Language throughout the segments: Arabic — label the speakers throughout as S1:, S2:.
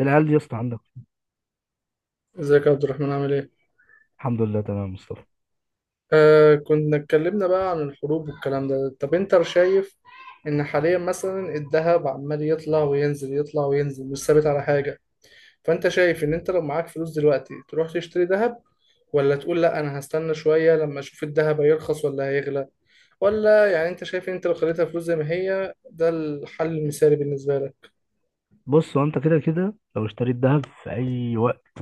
S1: العيال دي يا اسطى عندك.
S2: ازيك يا عبد الرحمن؟ عامل ايه؟
S1: الحمد لله، تمام يا مصطفى.
S2: آه، كنا اتكلمنا بقى عن الحروب والكلام ده. طب انت شايف ان حاليا مثلا الذهب عمال يطلع وينزل يطلع وينزل، مش ثابت على حاجة. فانت شايف ان انت لو معاك فلوس دلوقتي تروح تشتري ذهب، ولا تقول لا انا هستنى شوية لما اشوف الذهب هيرخص ولا هيغلى، ولا يعني انت شايف ان انت لو خليتها فلوس زي ما هي ده الحل المثالي بالنسبة لك؟
S1: بص، هو انت كده كده لو اشتريت ذهب في اي وقت،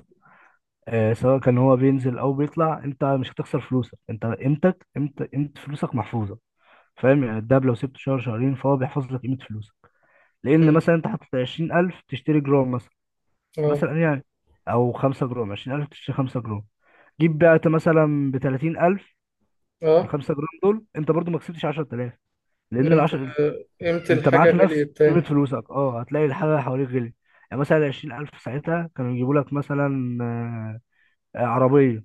S1: آه، سواء كان هو بينزل او بيطلع، انت مش هتخسر فلوسك. انت قيمتك قيمت قيمه فلوسك محفوظه، فاهم؟ يعني الدهب لو سبته شهر شهرين فهو بيحفظ لك قيمه فلوسك. لان
S2: مم.
S1: مثلا انت حاطط 20000 تشتري جرام مثلا،
S2: اه.
S1: مثلا يعني، او 5 جرام. 20000 تشتري 5 جرام. جيب بعت مثلا ب 30000، ال
S2: اه،
S1: 5 جرام دول انت برضو ما كسبتش 10000. لان ال
S2: امتى
S1: 10،
S2: امتى
S1: انت
S2: الحاجة
S1: معاك نفس
S2: غليت
S1: قيمة
S2: تاني؟
S1: فلوسك. اه، هتلاقي الحاجة اللي حواليك غلي. يعني مثلا عشرين ألف ساعتها كانوا يجيبوا لك مثلا عربية.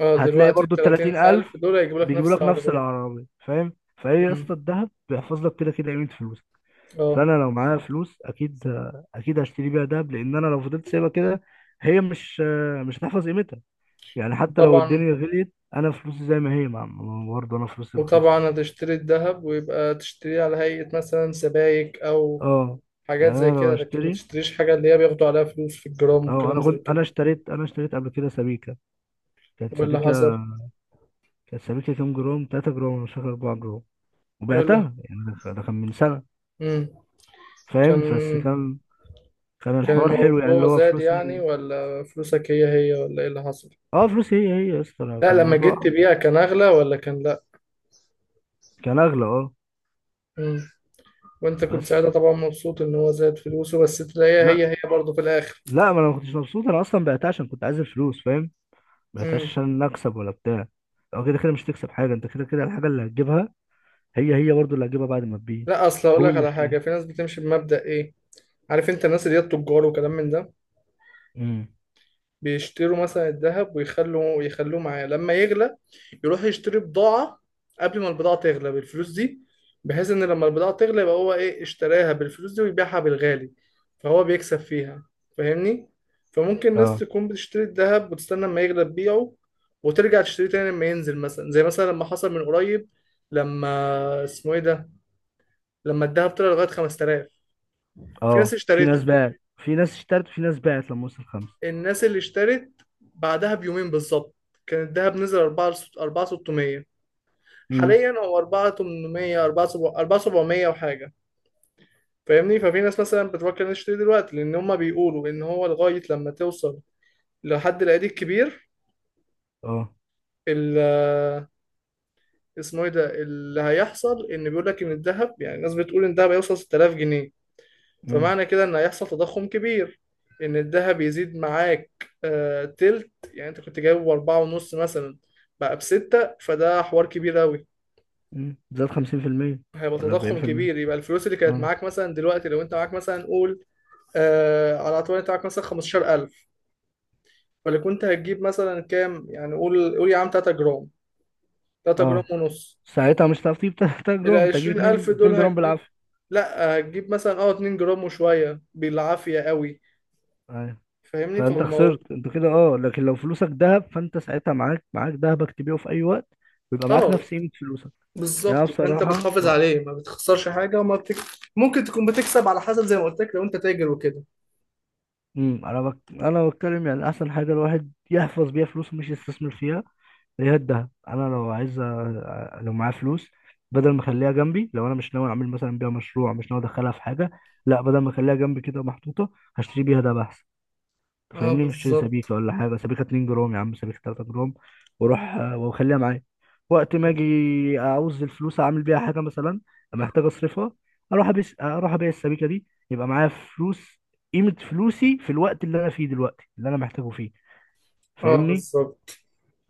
S2: اه،
S1: هتلاقي
S2: دلوقتي
S1: برضو التلاتين ألف
S2: 30000 دول هيجيبوا لك
S1: بيجيبوا
S2: نفس
S1: لك نفس
S2: العربية.
S1: العربية، فاهم؟ فهي يا اسطى
S2: مم.
S1: الدهب بيحفظ لك كده كده قيمة فلوسك.
S2: اه.
S1: فأنا لو معايا فلوس أكيد هشتري بيها دهب، لأن أنا لو فضلت سايبها كده هي مش مش هتحفظ قيمتها. يعني حتى لو
S2: طبعا.
S1: الدنيا غليت أنا فلوسي زي ما هي برضه أنا فلوسي رخيصة.
S2: وطبعا هتشتري الذهب، ويبقى تشتريه على هيئة مثلا سبائك أو
S1: اه.
S2: حاجات
S1: يعني
S2: زي
S1: أنا
S2: كده،
S1: لو
S2: لكن ما
S1: أشتري،
S2: تشتريش حاجة اللي هي بياخدوا عليها فلوس في الجرام
S1: اه
S2: والكلام
S1: انا
S2: زي
S1: كنت
S2: كده.
S1: انا اشتريت انا اشتريت قبل كده سبيكه. كانت
S2: واللي
S1: سبيكه
S2: حصل؟
S1: كانت سبيكه كام جرام، 3 جرام، أنا مش فاكر، 4 جرام.
S2: واللي
S1: وبعتها، يعني ده كان من سنه.
S2: مم.
S1: فاهم؟
S2: كان
S1: بس كان
S2: كان
S1: الحوار حلو، يعني اللي
S2: الموضوع
S1: هو
S2: زاد يعني،
S1: فلوسي،
S2: ولا فلوسك هي هي، ولا ايه اللي حصل؟
S1: اه، فلوسي هي هي يا اسطى. أنا
S2: لا،
S1: كان
S2: لما جيت
S1: الموضوع
S2: تبيع كان أغلى ولا كان لا؟
S1: كان اغلى، اه.
S2: مم. وانت كنت
S1: بس
S2: ساعتها طبعا مبسوط ان هو زاد فلوسه، بس تلاقيها
S1: لا،
S2: هي هي برضه في الآخر.
S1: لا، ما انا ما كنتش مبسوط، انا اصلا بعتها عشان كنت عايز الفلوس، فاهم؟ ما بعتهاش
S2: مم.
S1: عشان اكسب ولا بتاع. او كده كده مش تكسب حاجه، انت كده كده الحاجه اللي هتجيبها هي هي برضو اللي هتجيبها بعد ما تبيع.
S2: لا، اصل اقول
S1: اول
S2: لك
S1: ما
S2: على حاجة.
S1: اشتريت.
S2: في ناس بتمشي بمبدأ ايه، عارف انت، الناس اللي هي التجار وكلام من ده،
S1: امم،
S2: بيشتروا مثلا الذهب، ويخلوا يخلوه معاه لما يغلى يروح يشتري بضاعة قبل ما البضاعة تغلى بالفلوس دي، بحيث ان لما البضاعة تغلى يبقى هو ايه اشتراها بالفلوس دي ويبيعها بالغالي، فهو بيكسب فيها. فاهمني. فممكن ناس
S1: اه.
S2: تكون بتشتري الذهب وتستنى لما يغلى تبيعه، وترجع تشتري تاني لما ينزل، مثلا زي مثلا لما حصل من قريب. لما اسمه ايه ده، لما الذهب طلع لغاية 5000. في ناس
S1: اه في ناس
S2: اشتريته.
S1: باعت، في ناس اشترت، وفي ناس باعت لما وصل خمسة.
S2: الناس اللي اشترت بعدها بيومين بالظبط كان الذهب نزل 4 4600.
S1: امم،
S2: حاليا هو 4800 4700 وحاجه. فاهمني. ففي ناس مثلا بتفكر انها تشتري دلوقتي، لان هم بيقولوا ان هو لغايه لما توصل لحد العيد الكبير
S1: اه.
S2: ال- اسمه ايه ده اللي هيحصل، ان بيقول لك ان الذهب، يعني الناس بتقول ان الذهب هيوصل 6000 جنيه.
S1: امم.
S2: فمعنى كده ان هيحصل تضخم كبير، ان الذهب يزيد معاك تلت. يعني انت كنت جايبه باربعة ونص مثلا، بقى بستة، فده حوار كبير اوي.
S1: زاد 50%
S2: هيبقى
S1: ولا
S2: تضخم
S1: 40%.
S2: كبير. يبقى الفلوس اللي كانت
S1: اه.
S2: معاك، مثلا دلوقتي لو انت معاك مثلا، قول، على اعتبار انت معاك مثلا 15000، فاللي كنت هتجيب مثلا كام؟ يعني قول قول يا عم 3 جرام، 3 جرام
S1: اه
S2: ونص.
S1: ساعتها مش هتعرف تجيب 3
S2: ال
S1: جرام، انت هتجيب
S2: 20000
S1: 2
S2: دول
S1: 2 جرام
S2: هتجيب،
S1: بالعافية.
S2: لا هتجيب مثلا 2 جرام وشوية بالعافية قوي.
S1: ايوه.
S2: فاهمني.
S1: فانت
S2: فالموضوع،
S1: خسرت انت كده، اه. لكن لو فلوسك ذهب فانت ساعتها معاك ذهبك، تبيعه في اي وقت ويبقى معاك
S2: اه
S1: نفس قيمة فلوسك. يعني انا
S2: بالظبط. فانت
S1: بصراحة
S2: بتحافظ عليه، ما بتخسرش حاجه ممكن تكون بتكسب على حسب، زي ما قلت لك، لو انت تاجر وكده.
S1: انا بتكلم، يعني احسن حاجة الواحد يحفظ بيها فلوسه، مش يستثمر فيها. هي الدهب. انا لو عايز لو معايا فلوس، بدل ما اخليها جنبي، لو انا مش ناوي اعمل مثلا بيها مشروع، مش ناوي ادخلها في حاجه، لا بدل ما اخليها جنبي كده محطوطه، هشتري بيها دهب احسن. أنت
S2: اه
S1: فاهمني؟ اشتري
S2: بالظبط.
S1: سبيكه ولا حاجه، سبيكه 2 جرام يا عم، سبيكه 3 جرام، واروح واخليها معايا، وقت ما اجي اعوز الفلوس اعمل بيها حاجه مثلا، محتاج اصرفها، اروح ابيع السبيكه دي، يبقى معايا فلوس، قيمه فلوسي في الوقت اللي انا فيه دلوقتي، اللي انا محتاجه فيه،
S2: اه
S1: فاهمني؟
S2: بالظبط.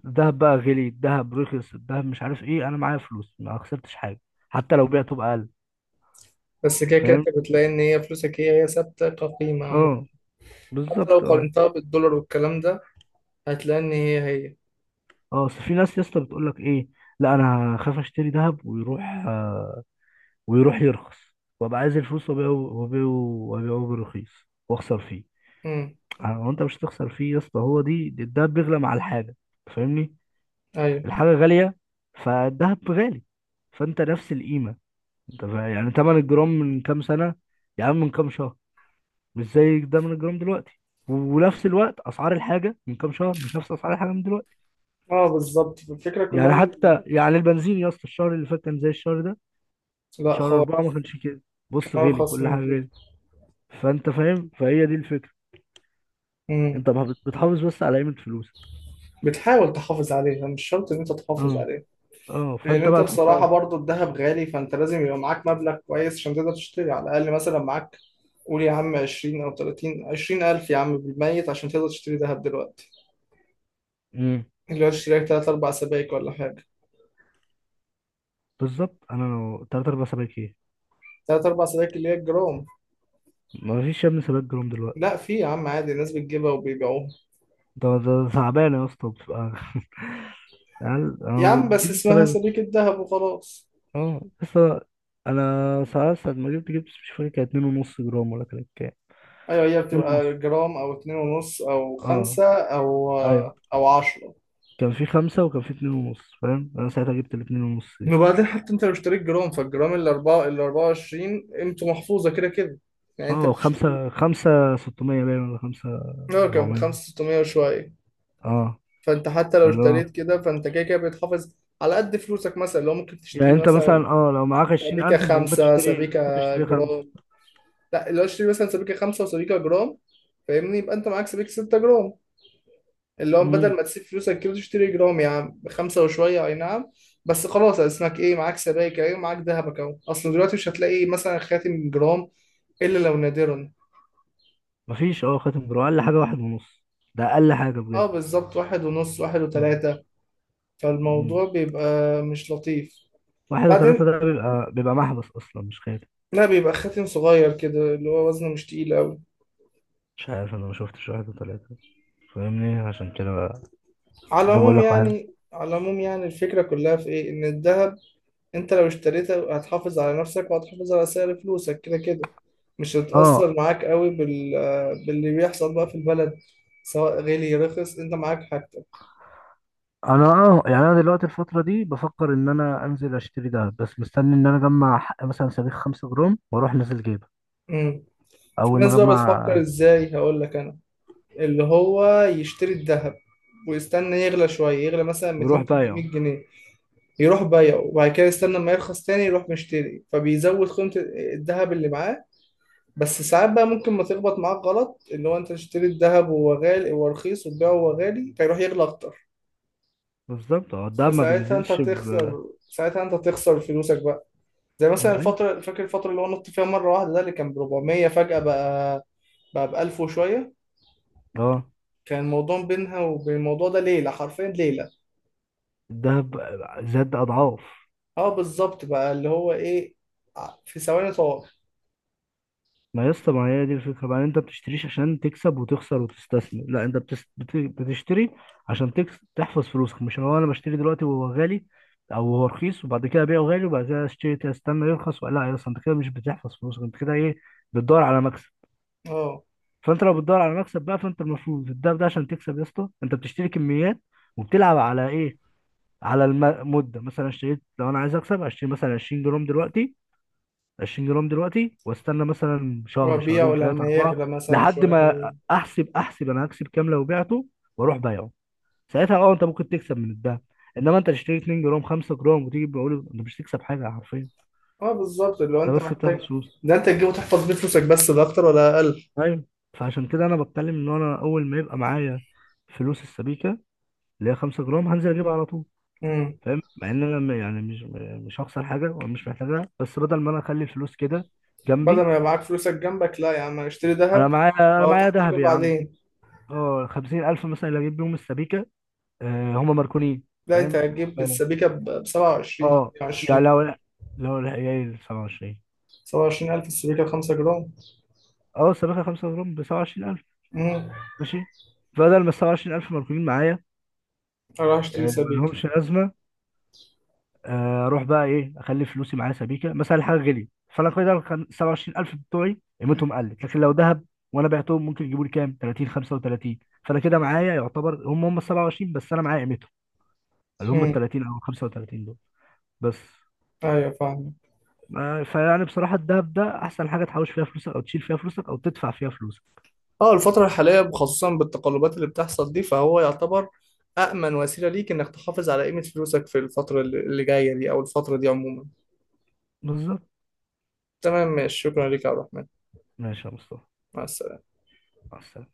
S1: الذهب بقى غلي، الذهب رخص، الذهب مش عارف ايه، انا معايا فلوس، ما خسرتش حاجه، حتى لو بعته بأقل.
S2: بس كده كده
S1: فاهم.
S2: انت بتلاقي ان هي فلوسك هي هي، ثابته كقيمه عموما.
S1: اه
S2: حتى لو
S1: بالظبط، اه.
S2: قارنتها بالدولار والكلام ده هتلاقي ان هي هي.
S1: اه اصل في ناس يا اسطى بتقول لك ايه، لا انا خاف اشتري ذهب ويروح، آه، ويروح يرخص وابقى عايز الفلوس وابيعه وابيعه وابيعه برخيص، واخسر فيه.
S2: امم.
S1: آه، هو انت مش هتخسر فيه يا اسطى. هو دي الدهب بيغلى مع الحاجه، فاهمني؟
S2: ايوه.
S1: الحاجه غاليه فالدهب غالي، فانت نفس القيمه. انت يعني ثمن الجرام من كام سنه، يا عم من كام شهر، مش زي ده من الجرام دلوقتي. ونفس الوقت اسعار الحاجه من كام شهر مش نفس اسعار الحاجه من دلوقتي.
S2: اه بالظبط. الفكره كلها
S1: يعني
S2: ان...
S1: حتى يعني البنزين يا اسطى الشهر اللي فات كان زي الشهر ده؟
S2: لا
S1: شهر أربعة ما
S2: خالص.
S1: كانش كده.
S2: كان
S1: بص، غلي،
S2: ارخص
S1: كل حاجه
S2: من كده.
S1: غلي. فانت فاهم، فهي دي الفكره.
S2: امم.
S1: انت بتحافظ بس على قيمه فلوسك.
S2: بتحاول تحافظ عليها، مش شرط ان انت تحافظ
S1: اه.
S2: عليها،
S1: اه
S2: لان
S1: فانت
S2: انت
S1: بقى
S2: بصراحه
S1: تحطها.
S2: برضو الذهب غالي، فانت لازم يبقى معاك مبلغ كويس عشان تقدر تشتري على الاقل، مثلا معاك، قول يا عم 20 او 30، 20 الف يا عم بالميت، عشان تقدر تشتري ذهب دلوقتي
S1: امم.
S2: اللي هو تشتري لك 3 4 سبائك ولا حاجه.
S1: بالظبط. انا لو تلات ارباع سباك ايه،
S2: 3 4 سبائك اللي هي الجرام.
S1: ما فيش يا ابني سباك جرام دلوقتي.
S2: لا، في يا عم عادي، الناس بتجيبها وبيبيعوها.
S1: ده تعبان يا اسطى بتبقى، يعني
S2: يا
S1: انا
S2: عم بس
S1: بجيب
S2: اسمها
S1: السباك.
S2: سبيكه ذهب وخلاص.
S1: اه بس انا ساعة ما جبت مش فاكر، كان اتنين ونص جرام ولا كانت كام.
S2: ايوه، هي
S1: اتنين
S2: بتبقى
S1: ونص،
S2: جرام او 2.5 او
S1: اه،
S2: 5 او
S1: ايوه.
S2: او 10.
S1: كان في خمسة وكان في اتنين ونص، فاهم، انا ساعتها جبت الاتنين ونص دي.
S2: وبعدين حتى انت لو اشتريت جرام فالجرام ال 4 ال 24 قيمته محفوظه كده كده. يعني انت
S1: اه،
S2: بتشتري،
S1: خمسة خمسة. ستمية باين ولا خمسة؟
S2: اه كان ب
S1: ربعمية،
S2: 5600 وشويه.
S1: اه.
S2: فانت حتى لو
S1: اللي
S2: اشتريت
S1: هو،
S2: كده فانت كده كده بيتحافظ على قد فلوسك. مثلا لو ممكن
S1: يعني
S2: تشتري
S1: انت مثلا،
S2: مثلا
S1: اه، لو معاك عشرين
S2: سبيكه
S1: ألف انت ممكن
S2: 5
S1: تشتري ممكن
S2: سبيكه
S1: تشتري خمسة.
S2: جرام. لا، لو اشتري مثلا سبيكه 5 وسبيكه جرام، فاهمني، يبقى انت معاك سبيكه 6 جرام. اللي هو بدل
S1: امم.
S2: ما تسيب فلوسك كده تشتري جرام يا عم بخمسه وشويه، اي نعم. بس خلاص، اسمك ايه، معاك سبائك، ايه، معاك ذهبك اهو. اصل دلوقتي مش هتلاقي مثلا خاتم جرام، إلا لو نادرا.
S1: مفيش، خاتم جرام أقل حاجة واحد ونص، ده أقل حاجة
S2: اه
S1: بجد.
S2: بالظبط، 1.5، واحد
S1: اه.
S2: وتلاتة فالموضوع
S1: امم.
S2: بيبقى مش لطيف.
S1: واحد
S2: بعدين
S1: وتلاتة ده بيبقى محبس أصلا مش خاتم.
S2: لا، بيبقى خاتم صغير كده اللي هو وزنه مش تقيل أوي.
S1: مش عارف، أنا ما شفتش واحد وتلاتة، فاهمني؟ عشان كده بقى،
S2: على
S1: عشان كده
S2: العموم
S1: بقول لك واحد.
S2: يعني على العموم يعني الفكرة كلها في إيه؟ إن الذهب أنت لو اشتريته هتحافظ على نفسك وهتحافظ على سعر فلوسك كده كده. مش
S1: اه.
S2: هتأثر معاك قوي باللي بيحصل بقى في البلد. سواء غالي رخص أنت معاك حاجتك.
S1: انا اه يعني انا دلوقتي الفتره دي بفكر ان انا انزل اشتري دهب، بس مستني ان انا اجمع حق مثلا صاروخ 5 جرام واروح نازل جيبه.
S2: مم. في
S1: اول ما
S2: ناس بقى بتفكر
S1: اجمع
S2: إزاي، هقول لك أنا، اللي هو يشتري الذهب ويستنى يغلى شوية، يغلى مثلا
S1: ويروح
S2: 200
S1: بايعه.
S2: 300 جنيه يروح بايعه، وبعد كده يستنى ما يرخص تاني يروح مشتري، فبيزود قيمة الذهب اللي معاه. بس ساعات بقى ممكن ما تخبط معاك غلط، اللي هو انت تشتري الذهب وهو غالي، وهو رخيص وتبيعه وهو غالي فيروح يغلى اكتر.
S1: بالظبط، اه الدهب ما
S2: فساعتها انت
S1: بينزلش
S2: هتخسر ساعتها انت هتخسر فلوسك بقى. زي مثلا
S1: ايوه،
S2: الفترة، فاكر الفترة اللي هو نط فيها مرة واحدة، ده اللي كان ب 400 فجأة بقى ب 1000 وشوية.
S1: اه
S2: كان الموضوع بينها وبين الموضوع ده ليلة، حرفيا ليلة.
S1: الدهب زاد اضعاف.
S2: اه بالظبط. بقى اللي هو ايه، في ثواني طار.
S1: ما يا اسطى، ما هي دي الفكره بقى. انت بتشتريش عشان تكسب وتخسر وتستثمر؟ لا، انت بتشتري عشان تحفظ فلوسك. مش هو انا بشتري دلوقتي وهو غالي، او هو رخيص، وبعد كده ابيعه غالي، وبعد كده اشتري استنى يرخص. ولا لا يا اسطى، انت كده مش بتحفظ فلوسك، انت كده ايه، بتدور على مكسب.
S2: اه،
S1: فانت لو بتدور على مكسب بقى، فانت المفروض، ده عشان تكسب يا اسطى انت بتشتري كميات وبتلعب على ايه، على المده. مثلا اشتريت، لو انا عايز اكسب، اشتري مثلا 20 جرام دلوقتي، 20 جرام دلوقتي واستنى مثلا شهر
S2: وبيعه
S1: شهرين ثلاثة
S2: لما
S1: أربعة
S2: يغلى مثلا
S1: لحد
S2: شويه
S1: ما
S2: حلوين.
S1: أحسب أنا هكسب كام لو بعته، وأروح بايعه. ساعتها، أنت ممكن تكسب من الدهب. إنما أنت تشتري 2 جرام 5 جرام وتيجي بقول أنت مش هتكسب حاجة حرفيا،
S2: اه بالظبط. اللي هو
S1: أنت
S2: انت
S1: بس بتاخد
S2: محتاج
S1: فلوس.
S2: ده انت تجيبه تحفظ بيه فلوسك بس، ده اكتر ولا اقل.
S1: أيوه. فعشان كده أنا بتكلم إن أنا أول ما يبقى معايا فلوس السبيكة، اللي هي 5 جرام، هنزل أجيبها على طول.
S2: امم.
S1: فاهم؟ مع إن أنا مش هخسر حاجة ومش محتاجها، بس بدل ما أنا أخلي الفلوس كده
S2: بدل
S1: جنبي،
S2: ما يبقى معاك فلوسك جنبك لا يا عم اشتري
S1: أنا
S2: ذهب
S1: معايا أنا
S2: لو
S1: معايا
S2: تحتاجه
S1: دهب يا عم.
S2: بعدين.
S1: اه خمسين ألف مثلا اللي أجيب بيهم السبيكة. آه هم ماركونين،
S2: لا، انت
S1: فاهم؟
S2: هتجيب
S1: فاهم.
S2: السبيكه ب 27
S1: اه، يعني
S2: 20.
S1: لو، العيال سبعة وعشرين.
S2: 27000 السبيكه ب 5 جرام.
S1: اه السبيكة خمسة جرام بسبعة وعشرين ألف،
S2: امم.
S1: ماشي. بدل ما السبعة وعشرين ألف ماركونين معايا،
S2: اروح اشتري
S1: آه
S2: سبيكه.
S1: ملهمش لازمة. آه أروح بقى إيه، أخلي فلوسي معايا سبيكة مثلا، الحاجة غليت، فأنا كده السبعة وعشرين ألف بتوعي قيمتهم قلت، لكن لو ذهب وأنا بعتهم ممكن يجيبوا لي كام؟ 30، 35. فأنا كده معايا يعتبر، هم هم السبعة وعشرين، بس أنا معايا قيمتهم اللي هم
S2: امم.
S1: التلاتين أو الخمسة وتلاتين دول. بس
S2: ايوه فاهم.
S1: فيعني بصراحة الدهب ده أحسن حاجة تحوش فيها فلوسك، أو تشيل فيها فلوسك، أو تدفع فيها فلوسك.
S2: اه، الفترة الحالية خصوصا بالتقلبات اللي بتحصل دي فهو يعتبر أأمن وسيلة ليك إنك تحافظ على قيمة فلوسك في الفترة اللي جاية دي، أو الفترة دي عموما.
S1: بالظبط.
S2: تمام، ماشي، شكرا ليك يا عبد الرحمن.
S1: ماشي يا مصطفى.
S2: مع السلامة.
S1: مع السلامة.